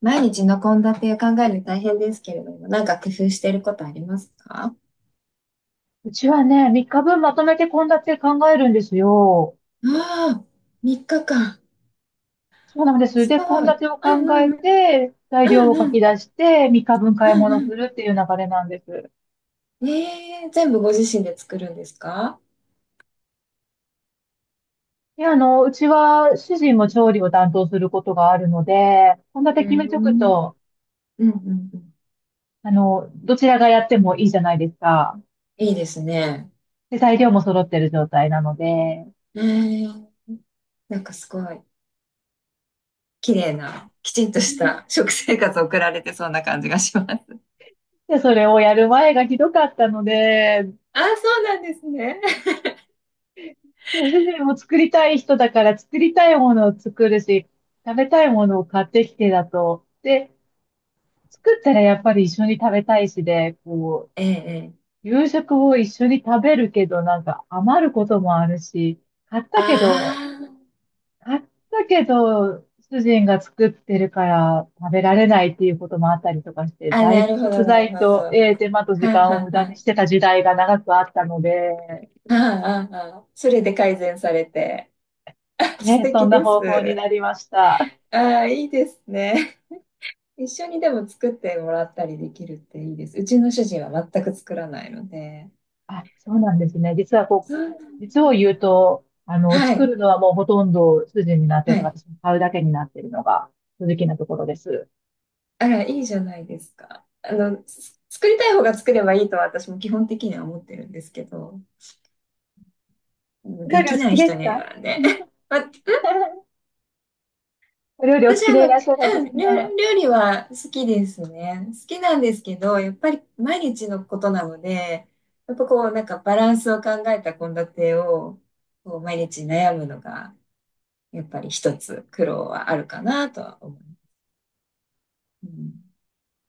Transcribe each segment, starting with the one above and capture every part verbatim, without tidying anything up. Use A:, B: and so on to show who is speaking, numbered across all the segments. A: 毎日の献立を考えるの大変ですけれども、なんか工夫していることありますか？
B: うちはね、みっかぶんまとめて献立考えるんですよ。
A: ああ、さんにちかん。
B: そうなんです。
A: す
B: で、
A: ご
B: 献
A: い。
B: 立を
A: うん
B: 考え
A: うんうん。
B: て、材
A: う
B: 料
A: ん
B: を
A: う
B: 書
A: ん。
B: き出して、みっかぶん
A: う
B: 買い
A: ん
B: 物
A: う
B: するっていう流れなんです。
A: ん。ええ全部ご自身で作るんですか？
B: で、あの、うちは主人
A: う
B: も
A: ん
B: 調理を担当することがあるので、献立
A: う
B: 決め
A: んう
B: とく
A: ん
B: と、
A: うんうん。
B: あの、どちらがやってもいいじゃないですか。
A: いいですね。
B: で、材料も揃ってる状態なので。
A: ええなんかすごい、綺麗な、きちんとした食生活を送られてそうな感じがします。
B: で、それをやる前がひどかったので、
A: ああ、そうなんですね。
B: でも主人も作りたい人だから作りたいものを作るし、食べたいものを買ってきてだと。で、作ったらやっぱり一緒に食べたいしで、こ
A: ええええ。
B: う、夕食を一緒に食べるけど、なんか余ることもあるし、買ったけど、
A: あ
B: 買ったけど、主人が作ってるから食べられないっていうこともあったりとかして、
A: あ、あ、
B: だい
A: な
B: ぶ
A: るほ
B: 食
A: ど、なるほ
B: 材
A: ど。
B: と、
A: は
B: えー手間と
A: あ
B: 時間を
A: は
B: 無
A: あ
B: 駄に
A: は
B: してた時代が長くあったので、
A: ああ、ああ、それで改善されて。あ、素
B: ね、そん
A: 敵
B: な
A: で
B: 方
A: す。
B: 法になりました。
A: ああ、いいですね。一緒にでも作ってもらったりできるっていいです。うちの主人は全く作らないので。
B: あ、そうなんですね。実はこ
A: そうな
B: う、実を
A: ん
B: 言
A: で
B: うと、あ
A: す。
B: の、
A: は
B: 作
A: い。
B: るのはもうほとんど主人になってい
A: は
B: て、
A: い。
B: 私も買うだけになっているのが正直なところです。
A: あら、いいじゃないですか。あの、す作りたい方が作ればいいとは私も基本的には思ってるんですけど、
B: お料
A: で
B: 理お
A: き
B: 好
A: な
B: き
A: い
B: で
A: 人
B: す
A: に
B: か？
A: はね、ま、
B: お料理お好
A: 私、
B: き
A: あ
B: でい
A: の、
B: らっしゃるん
A: う
B: です
A: ん、料、
B: ね。
A: 料理は好きですね。好きなんですけど、やっぱり毎日のことなので、やっぱこう、なんかバランスを考えた献立を、こう、毎日悩むのが、やっぱり一つ苦労はあるかなとは思う。うん、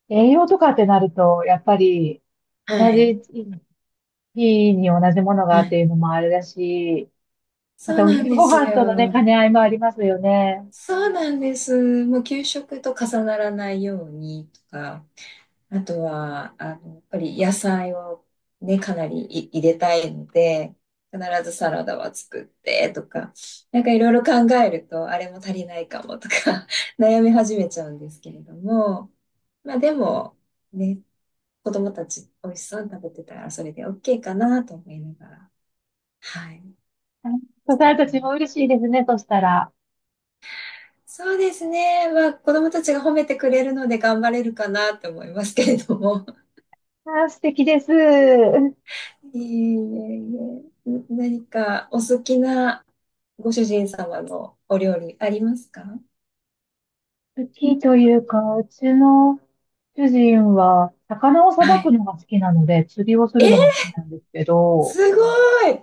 B: 栄養とかってなると、やっぱり同
A: はい。
B: じ日に同じものが
A: は
B: って
A: い。
B: いうのもあれだし、ま
A: そう
B: たお
A: なん
B: 昼
A: で
B: ご
A: す
B: 飯とのね、
A: よ。
B: 兼ね合いもありますよね。
A: そうなんです。もう給食と重ならないようにとか、あとは、あの、やっぱり野菜を、ね、かなりい入れたいので、必ずサラダは作ってとか、なんかいろいろ考えると、あれも足りないかもとか 悩み始めちゃうんですけれども、まあでも、ね、子供たち美味しそうに食べてたらそれで OK かなと思いながら、はい、
B: あ、そう
A: 作っ
B: された
A: てま
B: ちも嬉
A: す。
B: しいですね、としたら。
A: そうですね。まあ子供たちが褒めてくれるので頑張れるかなと思いますけれども。
B: あー、素敵です。
A: いえいえいえ、ん何かお好きなご主人様のお料理ありますか？
B: 好きというか、うちの主人は、魚をさ
A: は
B: ばく
A: い。
B: のが好きなので、釣りをする
A: え、
B: のも好きなんですけ
A: す
B: ど、
A: ごい、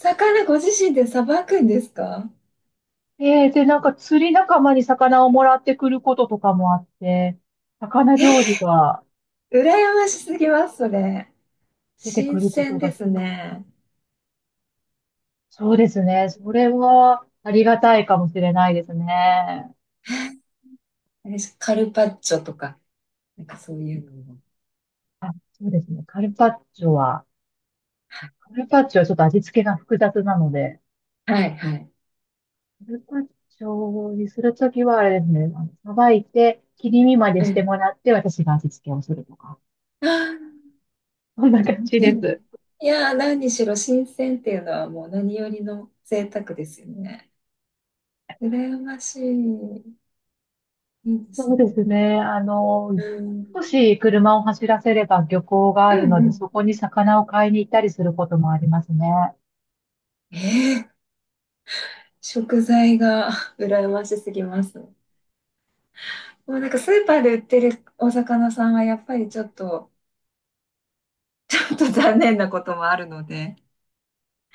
A: 魚ご自身でさばくんですか？
B: えー、で、なんか釣り仲間に魚をもらってくることとかもあって、魚料理が
A: 羨ましすぎます、それ。
B: 出てく
A: 新
B: るこ
A: 鮮
B: と
A: で
B: が、
A: すね。
B: そうですね。それはありがたいかもしれないですね。
A: あれカルパッチョとか、なんかそういうのも。
B: あ、そうですね。カルパッチョは、
A: は
B: カルパッチョはちょっと味付けが複雑なので、
A: い、はい。
B: カルパッチョにするときは、あれですね、あのさばいて、切り身まで
A: はい
B: し
A: う
B: て
A: ん。
B: もらって、私が味付けをするとか。
A: あ
B: そんな感じ
A: ーいや、
B: です。
A: いやー、何にしろ新鮮っていうのはもう何よりの贅沢ですよね。羨ましい。いいです
B: そう
A: ね。
B: ですね。あの、
A: うん。
B: 少し車を走らせれば漁港が
A: う
B: ある
A: ん
B: の
A: う
B: で、
A: ん。
B: そこに魚を買いに行ったりすることもありますね。
A: ええ食材が 羨ましすぎます。もうなんかスーパーで売ってるお魚さんはやっぱりちょっと、ちょっと残念なこともあるので。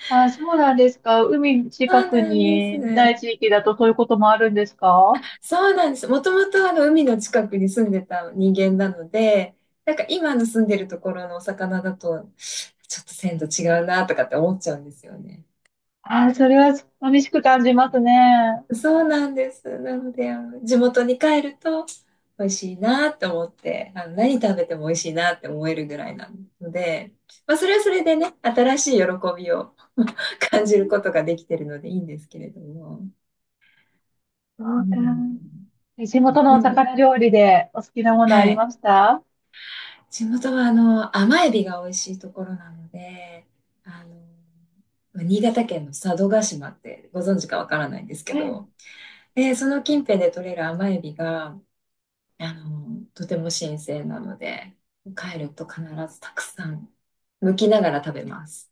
B: あ、そうなんですか。海
A: そ
B: 近
A: う
B: く
A: なんです。
B: にない地域だとそういうこともあるんですか？
A: そうなんです。もともとあの海の近くに住んでた人間なので、なんか今の住んでるところのお魚だと、ちょっと鮮度違うなとかって思っちゃうんですよね。
B: あ、それは寂しく感じますね。
A: そうなんです。なので、あの、地元に帰ると美味しいなって思って、あの、何食べても美味しいなって思えるぐらいなので、まあ、それはそれでね、新しい喜びを 感じることができてるのでいいんですけれども。
B: そ
A: う
B: うか。
A: ん、
B: 地元の
A: で
B: お
A: も、
B: 魚料理でお好きなもの
A: は
B: ありま
A: い。
B: した？
A: 地元は、あの、甘エビが美味しいところなので、あの、新潟県の佐渡島ってご存知かわからないんですけど、
B: ええ、
A: で、その近辺で採れる甘エビが、あの、とても新鮮なので、帰ると必ずたくさん剥きながら食べます。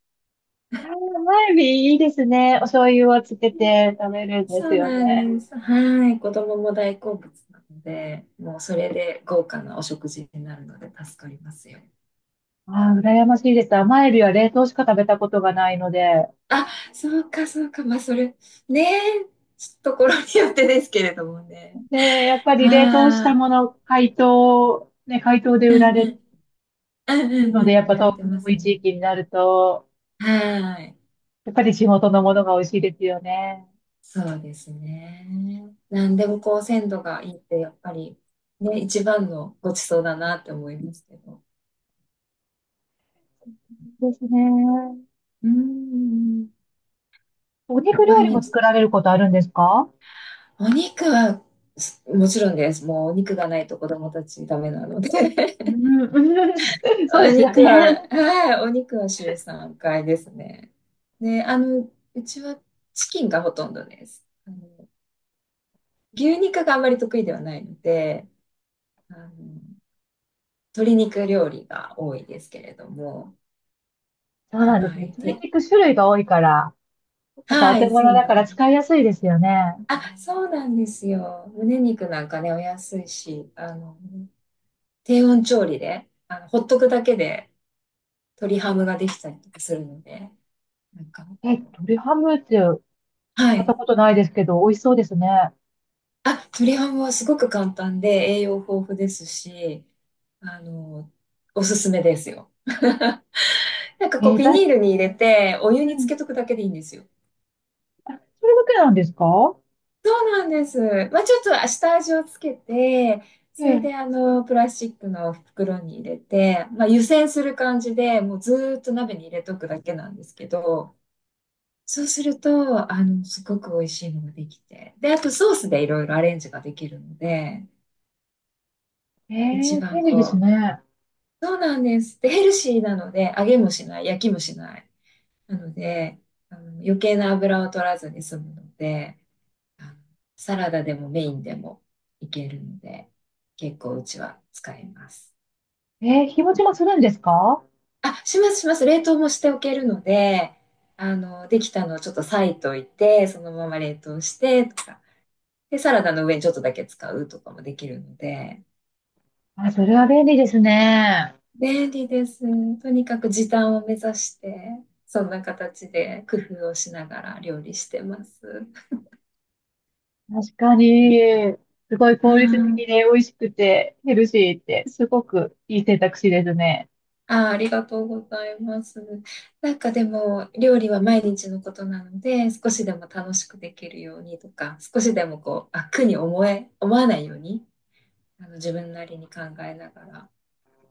B: あーマイビにいいですね。お醤油をつけて食べるんです
A: そう
B: よ
A: なん
B: ね。
A: です。はい。子供も大好物なので、もうそれで豪華なお食事になるので助かりますよ。
B: ああ、羨ましいです。甘エビは冷凍しか食べたことがないので。
A: あ、そうか、そうか。まあ、それ、ねえ、ところによってですけれどもね。
B: で、やっぱり冷凍した
A: は
B: もの、解凍、ね、解凍で
A: い。う
B: 売ら
A: んう
B: れ
A: ん。うんう
B: る
A: ん
B: ので、
A: う
B: や
A: ん。
B: っ
A: 見
B: ぱ
A: られてま
B: 遠
A: す
B: い
A: ね。
B: 地域になると、
A: はい。
B: やっぱり地元のものが美味しいですよね。
A: そうですね。なんでもこう鮮度がいいってやっぱりね、一番のごちそうだなって思いますけど。
B: ですね。
A: うーん。
B: お肉料
A: 毎
B: 理も
A: 日、
B: 作られることあるんですか？
A: お肉はすもちろんです。もうお肉がないと子供たちダメなので。
B: う ん、うん、 そう
A: お
B: ですよ
A: 肉
B: ね。
A: は、はい、お肉は週さんかいですね。で、あの、うちはチキンがほとんどです。あの、牛肉があまり得意ではないので、あの、鶏肉料理が多いですけれども、
B: そうなんです
A: は
B: ね。
A: い、
B: 鶏
A: で、
B: 肉種類が多いから、またお
A: は
B: 手
A: い、そ
B: 頃
A: う
B: だ
A: な
B: から
A: んで
B: 使
A: す。
B: いやすいですよね。
A: あ、そうなんですよ。胸肉なんかね、お安いし、あの、低温調理で、あの、ほっとくだけで鶏ハムができたりとかするので、なんか、
B: え、鶏ハムってやっ
A: は
B: た
A: い。
B: ことないですけど、美味しそうですね。
A: あ、鶏ハムはすごく簡単で栄養豊富ですし、あの、おすすめですよ。なんかこう、
B: えー、
A: ビ
B: だ
A: ニ
B: い、
A: ールに入れて、お湯
B: う
A: につけ
B: ん、
A: とくだけでいいんですよ。
B: それだけなんですか？
A: そうなんです。まあ、ちょっと下味をつけて、
B: え
A: それで
B: え、
A: あの、プラスチックの袋に入れて、まあ、湯煎する感じで、もうずーっと鍋に入れとくだけなんですけど、そうすると、あの、すごく美味しいのができて。で、あとソースでいろいろアレンジができるので、
B: え
A: 一
B: ー
A: 番
B: 便利です
A: こう、
B: ね。
A: そうなんです。で、ヘルシーなので、揚げもしない、焼きもしない。なので、あの、余計な油を取らずに済むので、あのサラダでもメインでもいけるので、結構うちは使います。
B: えー、日持ちもするんですか？
A: あ、しますします。冷凍もしておけるので、あの、できたのをちょっと裂いといて、そのまま冷凍してとか、で、サラダの上にちょっとだけ使うとかもできるので、
B: あ、それは便利ですね。
A: 便利です。とにかく時短を目指して、そんな形で工夫をしながら料理してます。
B: 確かに、すごい
A: は
B: 効率的
A: い、
B: で美味しくてヘルシーって、すごくいい選択肢ですね。
A: あー、ありがとうございます。なんかでも、料理は毎日のことなので、少しでも楽しくできるようにとか、少しでもこう、あ、苦に思え、思わないように、あの、自分なりに考えながら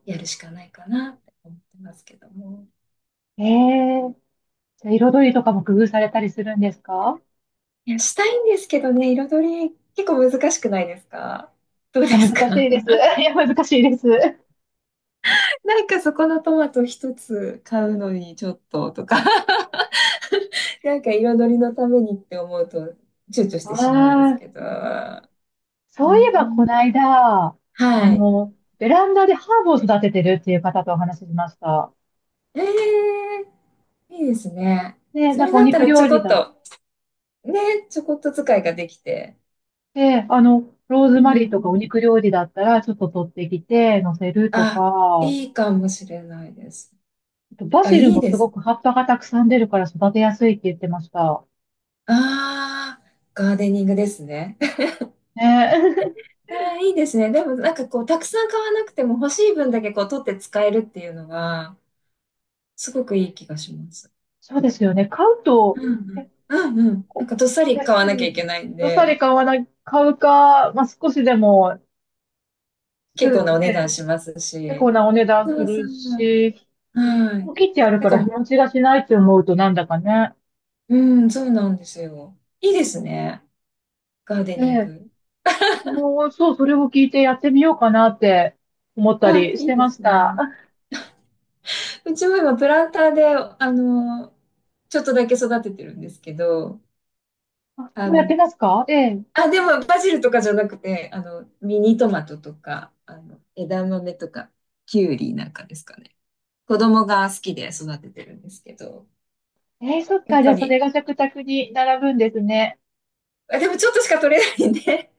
A: やるしかないかなって思ってますけども。
B: えー、じゃあ彩りとかも工夫されたりするんですか？
A: いや、したいんですけどね、彩り結構難しくないですか？どうで
B: いや、難
A: す
B: し
A: か？
B: いです。いや、難しいです。
A: なんかそこのトマト一つ買うのにちょっととか なんか彩りのためにって思うと躊躇してしまうんです
B: あ
A: け
B: あ、
A: ど。
B: そうい
A: ね
B: えば、この間、あ
A: えはい。
B: の、ベランダでハーブを育ててるっていう方とお話ししました。
A: ええいいですね。
B: で、
A: そ
B: なん
A: れ
B: かお
A: だった
B: 肉
A: らち
B: 料
A: ょこ
B: 理
A: っ
B: だっ
A: と、ね、ちょこっと使いができて。
B: て、あの、ローズ
A: うん
B: マ
A: う
B: リーとかお
A: ん。
B: 肉料理だったら、ちょっと取ってきて、乗せると
A: あ、
B: か、
A: いいかもしれないです。
B: あとバ
A: あ、
B: ジ
A: い
B: ル
A: い
B: も
A: で
B: すご
A: す。
B: く葉っぱがたくさん出るから育てやすいって言ってました。
A: ああ、ガーデニングですね。
B: ね、
A: いやー、いいですね。でもなんかこう、たくさん買わなくても欲しい分だけこう、取って使えるっていうのは、すごくいい気がします。
B: そうですよね。買う
A: う
B: と、
A: ん
B: え、
A: うん。うんうん。なん
B: こ
A: かどっさ
B: う、
A: り買
B: 安い、
A: わなきゃいけないん
B: どさり
A: で、
B: 買わない、買うか、まあ、少しでも、
A: 結
B: す
A: 構なお値段
B: ね、
A: します
B: 結構
A: し。
B: なお値段
A: そ
B: す
A: うそ
B: る
A: う。
B: し、
A: は
B: も
A: い。
B: う切ってある
A: なん
B: から日
A: か、
B: 持ちがしないって思うとなんだかね。
A: うん、そうなんですよ。いいですね。ガーデ
B: え
A: ニン
B: え。
A: グ。
B: 私も、そう、それを聞いてやってみようかなって思った
A: あ、
B: りし
A: いい
B: て
A: で
B: まし
A: す
B: た。
A: ね。
B: あ、
A: うちも今、プランターで、あの、ちょっとだけ育ててるんですけど、
B: あ
A: あ
B: もうやって
A: の、
B: ますか、ええ。
A: あ、でも、バジルとかじゃなくて、あの、ミニトマトとか、あの、枝豆とか、キュウリなんかですかね。子供が好きで育ててるんですけど、
B: ええ、そっ
A: やっ
B: か。じゃ
A: ぱ
B: あ、それ
A: り、
B: が食卓に並ぶんですね。
A: あ、でもちょっとしか取れないんで、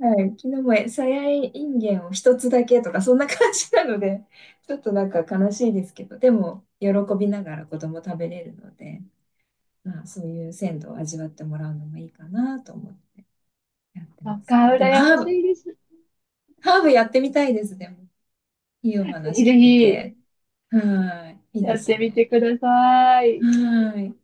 A: はい、昨日もさやいんげんを一つだけとか、そんな感じなので、ちょっとなんか悲しいですけど、でも、喜びながら子供食べれるので、まあ、そういう鮮度を味わってもらうのもいいかなと思ってやって
B: そっ
A: ます
B: か、
A: が。でも、
B: 羨ま
A: ハ
B: し
A: ーブ、
B: いです。ぜ
A: ハーブやってみたいです、でも。いいお話
B: ひぜ
A: 聞け
B: ひ、
A: て。はい、いいで
B: やっ
A: す
B: てみて
A: ね。
B: ください。
A: はい。